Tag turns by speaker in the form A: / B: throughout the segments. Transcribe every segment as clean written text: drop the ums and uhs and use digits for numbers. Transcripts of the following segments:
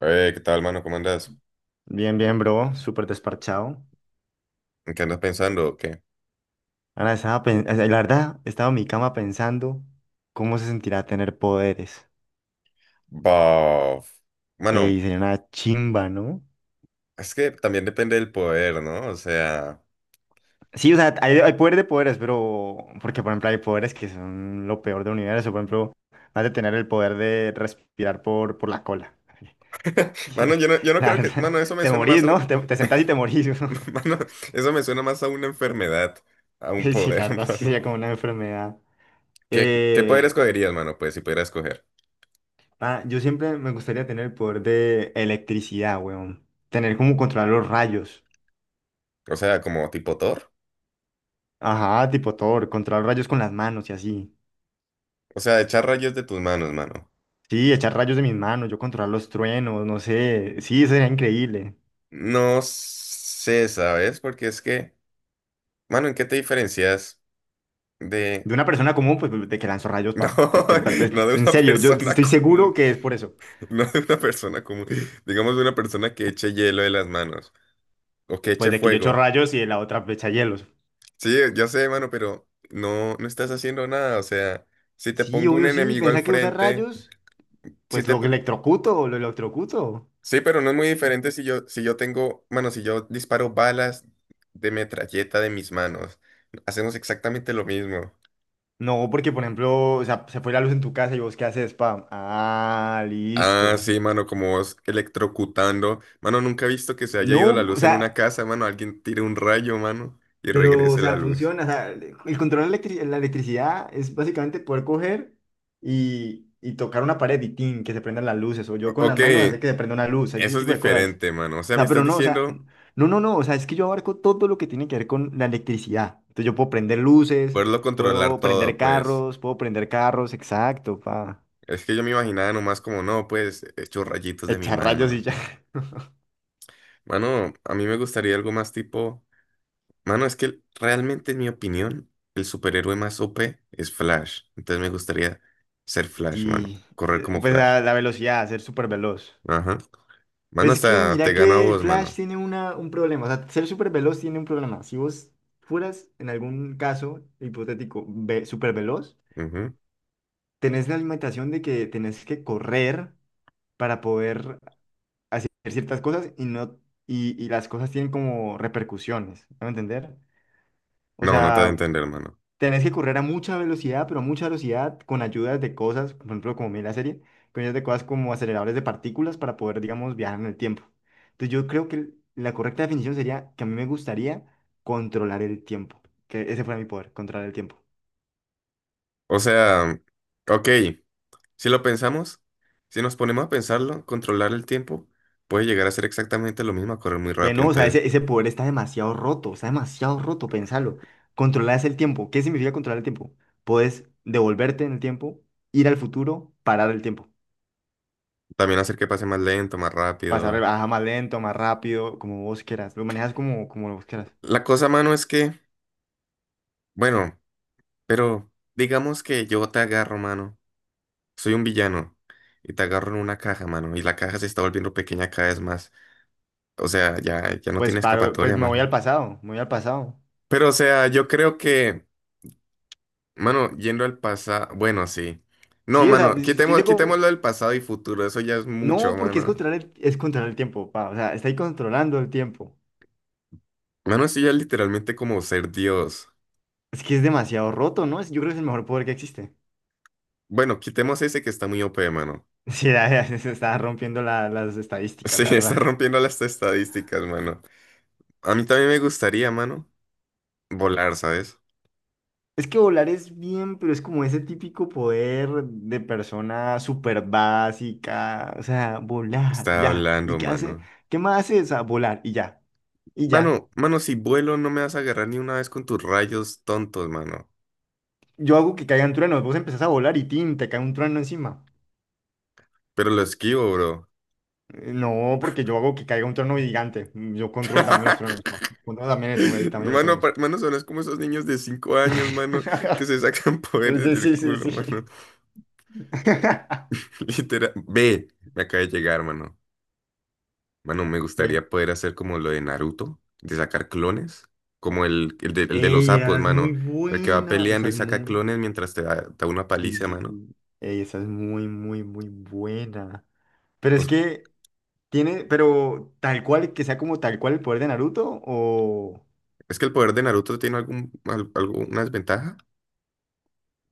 A: ¿Qué tal, mano? ¿Cómo andas?
B: Bien, bien, bro, súper desparchado.
A: ¿En qué andas pensando? ¿O qué?
B: Ahora estaba la verdad, estaba en mi cama pensando cómo se sentirá tener poderes.
A: Bah. Mano,
B: Y sería una chimba, ¿no?
A: es que también depende del poder, ¿no? O sea,
B: Sí, o sea, hay poder de poderes, pero porque, por ejemplo, hay poderes que son lo peor del universo. Por ejemplo, más de tener el poder de respirar por la cola.
A: mano, yo no
B: La
A: creo que,
B: verdad,
A: mano, eso me
B: te
A: suena más
B: morís,
A: a
B: ¿no?
A: un,
B: Te sentás y te morís.
A: mano, eso me suena más a una enfermedad, a un
B: Sí,
A: poder,
B: la verdad, sí
A: mano.
B: sería como una enfermedad.
A: ¿Qué poder
B: Eh,
A: escogerías, mano? Pues si pudieras escoger.
B: Yo siempre me gustaría tener el poder de electricidad, weón. Tener como controlar los rayos.
A: O sea, como tipo Thor.
B: Ajá, tipo Thor, controlar los rayos con las manos y así.
A: O sea, echar rayos de tus manos, mano.
B: Sí, echar rayos de mis manos, yo controlar los truenos, no sé. Sí, eso sería increíble.
A: No sé, ¿sabes? Porque es que, mano, ¿en qué te diferencias de...
B: De una persona común, pues, de que lanzo rayos,
A: No,
B: pa.
A: no de
B: En
A: una
B: serio, yo
A: persona
B: estoy seguro
A: común.
B: que es por eso.
A: No de una persona común, digamos de una persona que eche hielo de las manos o que
B: Pues
A: eche
B: de que yo echo
A: fuego.
B: rayos y de la otra echa hielos.
A: Sí, ya sé, mano, pero no, no estás haciendo nada. O sea, si te
B: Sí,
A: pongo un
B: obvio, sí.
A: enemigo al
B: Pensá que usar
A: frente,
B: rayos,
A: si
B: pues
A: te
B: lo
A: po-
B: electrocuto, lo electrocuto.
A: sí, pero no es muy diferente si yo tengo, mano, si yo disparo balas de metralleta de mis manos, hacemos exactamente lo mismo.
B: No, porque por ejemplo, o sea, se fue la luz en tu casa y vos qué haces, spam. Ah,
A: Ah,
B: listo.
A: sí, mano, como vos electrocutando. Mano, nunca he visto que se haya ido
B: No,
A: la
B: o
A: luz en una
B: sea,
A: casa, mano. Alguien tire un rayo, mano, y
B: pero, o
A: regrese la
B: sea,
A: luz.
B: funciona. O sea, el control de la electricidad es básicamente poder coger y tocar una pared y tin, que se prendan las luces. O yo con las
A: Ok.
B: manos hacer que se prenda una luz, ese
A: Eso es
B: tipo de cosas.
A: diferente, mano. O
B: O
A: sea, me
B: sea,
A: estás
B: pero no, o sea,
A: diciendo
B: no. O sea, es que yo abarco todo lo que tiene que ver con la electricidad. Entonces yo puedo prender luces,
A: poderlo controlar todo, pues.
B: puedo prender carros, exacto, pa.
A: Es que yo me imaginaba nomás como, no, pues, hecho rayitos de mi
B: Echar rayos y
A: mano.
B: ya.
A: Mano, a mí me gustaría algo más tipo. Mano, es que realmente, en mi opinión, el superhéroe más OP es Flash. Entonces me gustaría ser Flash, mano.
B: Sí,
A: Correr como
B: pues
A: Flash.
B: a la velocidad, a ser súper veloz.
A: Ajá. Mano,
B: Pues es que
A: hasta te
B: mira
A: gano a
B: que
A: vos,
B: Flash
A: mano.
B: tiene un problema, o sea, ser súper veloz tiene un problema. Si vos fueras, en algún caso hipotético, ve, súper veloz,
A: Ujú.
B: tenés la limitación de que tenés que correr para poder hacer ciertas cosas y no y, y las cosas tienen como repercusiones, ¿me va a entender? O
A: No, no te ha de
B: sea,
A: entender, mano.
B: Tenés que correr a mucha velocidad, pero a mucha velocidad, con ayudas de cosas, por ejemplo, como mira la serie, con ayudas de cosas como aceleradores de partículas para poder, digamos, viajar en el tiempo. Entonces yo creo que la correcta definición sería que a mí me gustaría controlar el tiempo, que ese fuera mi poder, controlar el tiempo.
A: O sea, ok. Si lo pensamos, si nos ponemos a pensarlo, controlar el tiempo puede llegar a ser exactamente lo mismo, a correr muy rápido.
B: Bueno, o sea,
A: Entonces,
B: ese poder está demasiado roto, pensalo. Controlar el tiempo, ¿qué significa controlar el tiempo? Puedes devolverte en el tiempo, ir al futuro, parar el tiempo,
A: también hacer que pase más lento, más rápido.
B: más lento, más rápido, como vos quieras, lo manejas como, como vos quieras.
A: La cosa, mano, es que, bueno, pero digamos que yo te agarro, mano. Soy un villano y te agarro en una caja, mano. Y la caja se está volviendo pequeña cada vez más. O sea, ya no
B: Pues
A: tiene
B: paro, pues
A: escapatoria,
B: me voy
A: mano.
B: al pasado, me voy al pasado.
A: Pero, o sea, yo creo que, mano, yendo al pasado, bueno, sí. No,
B: Sí, o sea,
A: mano,
B: pues, yo llego,
A: quitémoslo del pasado y futuro. Eso ya es
B: no,
A: mucho,
B: porque es
A: mano.
B: controlar es controlar el tiempo, pa, o sea, está ahí controlando el tiempo.
A: Mano, sí, ya literalmente como ser Dios.
B: Es que es demasiado roto, ¿no? Yo creo que es el mejor poder que existe.
A: Bueno, quitemos ese que está muy OP, mano.
B: Sí, se está rompiendo las estadísticas,
A: Sí,
B: la
A: está
B: verdad.
A: rompiendo las estadísticas, mano. A mí también me gustaría, mano, volar, ¿sabes?
B: Es que volar es bien, pero es como ese típico poder de persona súper básica, o sea, volar,
A: Está
B: ya. ¿Y
A: hablando,
B: qué hace?
A: mano.
B: ¿Qué más hace? O sea, volar y ya, y ya.
A: Mano, si vuelo no me vas a agarrar ni una vez con tus rayos tontos, mano.
B: Yo hago que caigan truenos, vos empezás a volar y tin, te cae un trueno encima.
A: Pero lo esquivo, bro.
B: No, porque yo hago que caiga un trueno gigante. Mm, yo controlo el tamaño de los truenos. ¿No? Controlo también eso, el tamaño de los
A: Mano,
B: truenos.
A: mano, son es como esos niños de 5 años, mano, que se sacan poderes
B: Sí,
A: del
B: sí,
A: culo,
B: sí,
A: mano.
B: sí.
A: Literal. Ve, me acaba de llegar, mano. Mano, me
B: ¿Qué?
A: gustaría poder hacer como lo de Naruto, de sacar clones, como el de los
B: Ey,
A: sapos,
B: esa es muy
A: mano, el que va
B: buena.
A: peleando
B: Esa
A: y
B: es
A: saca
B: muy.
A: clones mientras te da una
B: Sí,
A: paliza,
B: sí,
A: mano.
B: sí. Ey, esa es muy buena. Pero es
A: Pues,
B: que tiene, pero tal cual, que sea como tal cual el poder de Naruto, o.
A: ¿es que el poder de Naruto tiene algún, alguna desventaja?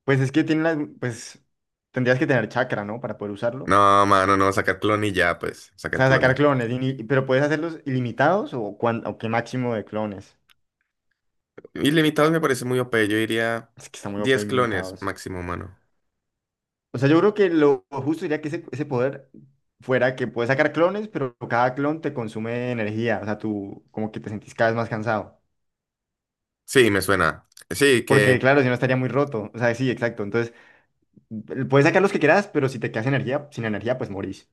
B: Pues es que tiene las. Pues tendrías que tener chakra, ¿no? Para poder usarlo.
A: No, mano, no, sacar clones y ya, pues,
B: O
A: sacar
B: sea, sacar
A: clones.
B: clones, pero puedes hacerlos ilimitados o, o qué máximo de clones.
A: Ilimitados me parece muy OP, yo diría
B: Es que está muy OP
A: 10 clones
B: ilimitados.
A: máximo, mano.
B: O sea, yo creo que lo justo sería que ese poder fuera que puedes sacar clones, pero cada clon te consume energía. O sea, tú como que te sentís cada vez más cansado.
A: Sí, me suena. Sí,
B: Porque
A: que,
B: claro, si no estaría muy roto. O sea, sí, exacto. Entonces, puedes sacar los que quieras, pero si te quedas energía, sin energía, pues morís.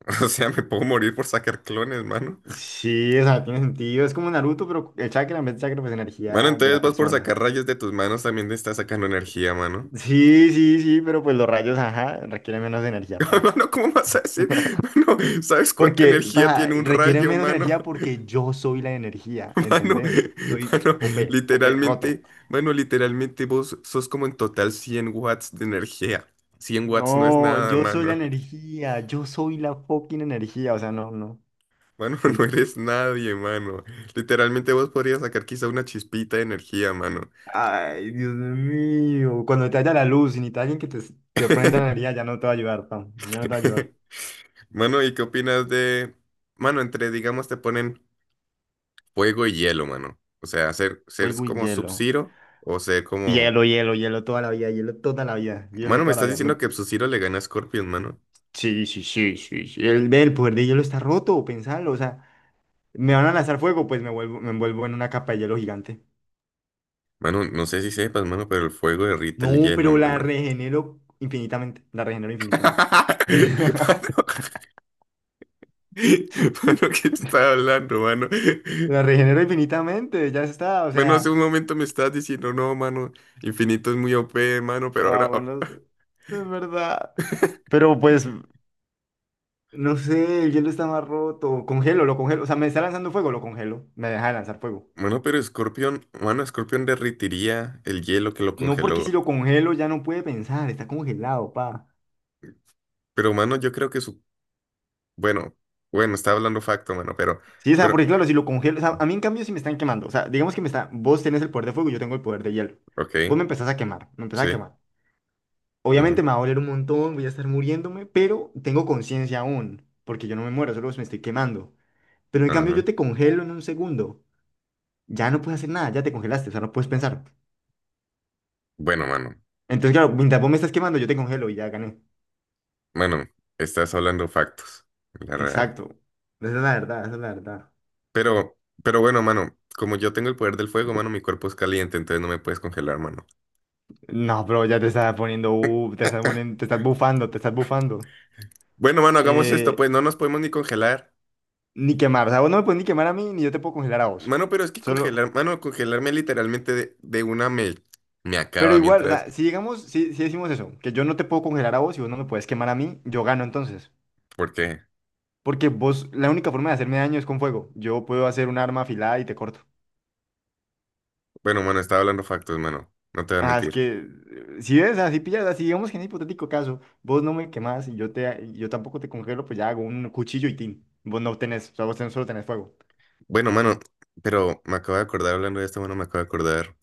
A: o sea, me puedo morir por sacar clones, mano.
B: Sí, o sea, tiene sentido. Es como Naruto, pero el chakra en vez de chakra, pues
A: Mano,
B: energía de
A: entonces
B: la
A: vos por
B: persona.
A: sacar rayos de tus manos también te estás sacando energía, mano.
B: Sí, pero pues los rayos, ajá, requieren menos energía, pa.
A: Mano, ¿cómo vas a decir? Mano, ¿sabes cuánta
B: Porque,
A: energía
B: pa,
A: tiene un
B: requieren
A: rayo,
B: menos
A: mano?
B: energía porque yo soy la energía,
A: Mano,
B: ¿entendés? Soy
A: mano,
B: OP, OP, roto.
A: literalmente, mano, literalmente vos sos como en total 100 watts de energía. 100 watts no es
B: No,
A: nada,
B: yo soy la
A: mano.
B: energía, yo soy la fucking energía, o sea, no,
A: Mano, no
B: punto.
A: eres nadie, mano. Literalmente vos podrías sacar quizá una chispita de energía, mano.
B: Ay, Dios mío, cuando te haya la luz y necesitas alguien que te prenda la energía, ya no te va a ayudar, pa, ya no te va a ayudar.
A: Mano, ¿y qué opinas de, mano, entre, digamos, te ponen fuego y hielo, mano? O sea, ser
B: Fuego y
A: como
B: hielo.
A: Sub-Zero o ser como...
B: Hielo, hielo, hielo toda la vida, hielo toda la vida, hielo
A: Mano, me
B: toda la
A: estás
B: vida.
A: diciendo
B: No.
A: que Sub-Zero le gana a Scorpion, mano.
B: Sí. El, ve, el poder de hielo está roto, pensalo. O sea, me van a lanzar fuego, pues me envuelvo en una capa de hielo gigante.
A: Mano, no sé si sepas, mano, pero el fuego derrita el
B: No,
A: hielo,
B: pero la
A: mano.
B: regenero infinitamente. La regenero infinitamente.
A: Mano, mano, ¿qué estás hablando, mano?
B: La regenero infinitamente, ya está. O
A: Mano, hace un
B: sea,
A: momento me estabas diciendo, no, mano, infinito es muy OP, mano, pero
B: ah,
A: ahora... oh.
B: bueno, es verdad. Pero pues, no sé, el hielo está más roto. Congelo, lo congelo. O sea, me está lanzando fuego, lo congelo. Me deja de lanzar fuego.
A: Mano, pero Scorpion, mano, Scorpion derritiría el hielo que lo
B: No porque si
A: congeló.
B: lo congelo ya no puede pensar, está congelado, pa.
A: Pero, mano, yo creo que su... Bueno, bueno, estaba hablando facto, mano, pero...
B: Sí, o sea,
A: Pero...
B: porque claro, si lo congelo, o sea, a mí en cambio si me están quemando, o sea, vos tenés el poder de fuego y yo tengo el poder de hielo. Vos
A: Ok,
B: me empezás a quemar, me empezás a
A: sí.
B: quemar. Obviamente
A: Ujú,
B: me va a doler un montón, voy a estar muriéndome, pero tengo conciencia aún, porque yo no me muero, solo me estoy quemando. Pero en cambio
A: ajá.
B: yo te congelo en un segundo, ya no puedes hacer nada, ya te congelaste, o sea, no puedes pensar.
A: Bueno, mano.
B: Entonces, claro, mientras vos me estás quemando, yo te congelo y ya gané.
A: Bueno, estás hablando factos, la real.
B: Exacto. Esa es la verdad, esa es la verdad.
A: Pero bueno, mano, como yo tengo el poder del fuego, mano, mi cuerpo es caliente, entonces no me puedes congelar, mano.
B: No, bro, ya te estás poniendo, te estás poniendo, te estás bufando, te estás bufando.
A: Bueno, mano, hagamos esto,
B: Eh,
A: pues no nos podemos ni congelar.
B: Ni quemar, o sea, vos no me puedes ni quemar a mí, ni yo te puedo congelar a vos.
A: Mano, pero es que
B: Solo,
A: congelar, mano, congelarme literalmente de una me, me
B: pero
A: acaba
B: igual, o
A: mientras.
B: sea, si, si decimos eso, que yo no te puedo congelar a vos y vos no me puedes quemar a mí, yo gano entonces.
A: Porque,
B: Porque vos, la única forma de hacerme daño es con fuego. Yo puedo hacer un arma afilada y te corto.
A: bueno, mano, estaba hablando factos, mano. No te voy a
B: Ah, es
A: mentir.
B: que, si ves, así pillas, así digamos que en hipotético caso, vos no me quemás y yo te, y yo tampoco te congelo, pues ya hago un cuchillo y tin. Vos no tenés, o sea, solo tenés fuego.
A: Bueno, mano, pero me acabo de acordar hablando de esto, mano, me acabo de acordar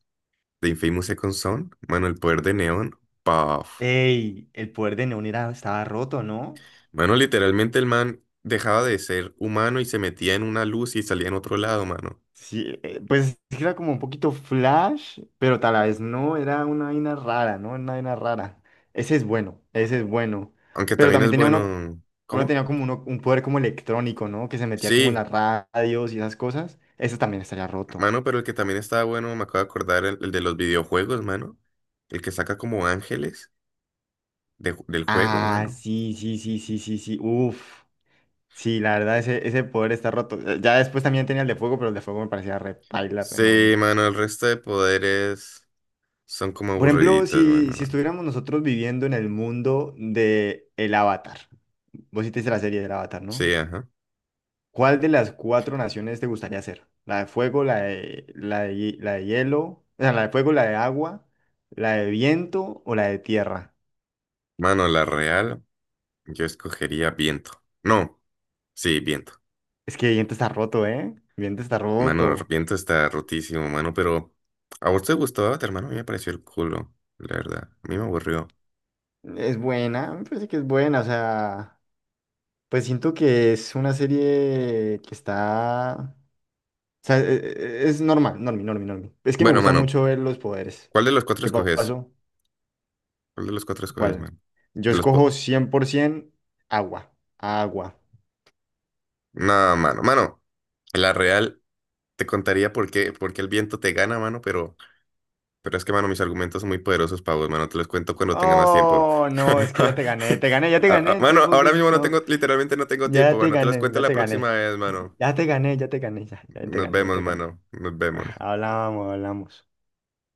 A: de Infamous Second Son, mano, el poder de Neon. Paf.
B: Ey, el poder de Neon estaba roto, ¿no?
A: Mano, literalmente el man dejaba de ser humano y se metía en una luz y salía en otro lado, mano.
B: Sí, pues era como un poquito flash, pero tal vez no, era una vaina rara, ¿no? Una vaina rara. Ese es bueno, ese es bueno.
A: Aunque
B: Pero
A: también
B: también
A: es
B: tenía uno,
A: bueno.
B: uno
A: ¿Cómo?
B: tenía como un poder como electrónico, ¿no? Que se metía como en
A: Sí,
B: las radios y esas cosas. Ese también estaría roto.
A: mano, pero el que también estaba bueno, me acabo de acordar, el de los videojuegos, mano. El que saca como ángeles de del juego,
B: Ah,
A: mano.
B: sí, sí, sí, sí, sí, sí. Uf. Sí, la verdad, ese poder está roto. Ya después también tenía el de fuego, pero el de fuego me parecía re paila, re
A: Sí,
B: enorme.
A: mano, el resto de poderes son como
B: Por ejemplo,
A: aburriditos, mano.
B: si estuviéramos nosotros viviendo en el mundo de el Avatar. Vos sí te hiciste la serie del Avatar,
A: Sí,
B: ¿no?
A: ajá.
B: ¿Cuál de las cuatro naciones te gustaría ser? ¿La de fuego, la de hielo? O sea, la de fuego, la de agua, la de viento o la de tierra.
A: Mano, la real, yo escogería viento. No, sí, viento.
B: Es que viento está roto, ¿eh? Viento está
A: Mano,
B: roto.
A: Arrepiento está rotísimo, mano, pero a vos te gustó Avatar, mano, a mí me pareció el culo, la verdad. A mí me aburrió.
B: Es buena, me parece que es buena, o sea, pues siento que es una serie que está, o sea, es normal, normi. Es que me
A: Bueno,
B: gusta
A: mano,
B: mucho ver los poderes.
A: ¿cuál de los cuatro
B: ¿Qué
A: escoges?
B: pasó?
A: ¿Cuál de los cuatro escoges,
B: ¿Cuál?
A: mano?
B: Yo
A: De los
B: escojo 100% agua, agua.
A: no, mano, la real te contaría por qué el viento te gana, mano, pero es que, mano, mis argumentos son muy poderosos para vos, mano, te los cuento cuando tenga más tiempo.
B: Oh, no, es que ya te gané, ya te gané. Entonces
A: Mano,
B: vos
A: ahora mismo
B: decís,
A: no
B: no,
A: tengo, literalmente no tengo tiempo,
B: ya te
A: mano, te los
B: gané,
A: cuento
B: ya
A: la
B: te
A: próxima
B: gané,
A: vez, mano.
B: ya te gané, ya te gané, ya, ya te
A: Nos
B: gané, ya
A: vemos,
B: te gané.
A: mano, nos
B: Ah,
A: vemos.
B: hablamos, hablamos.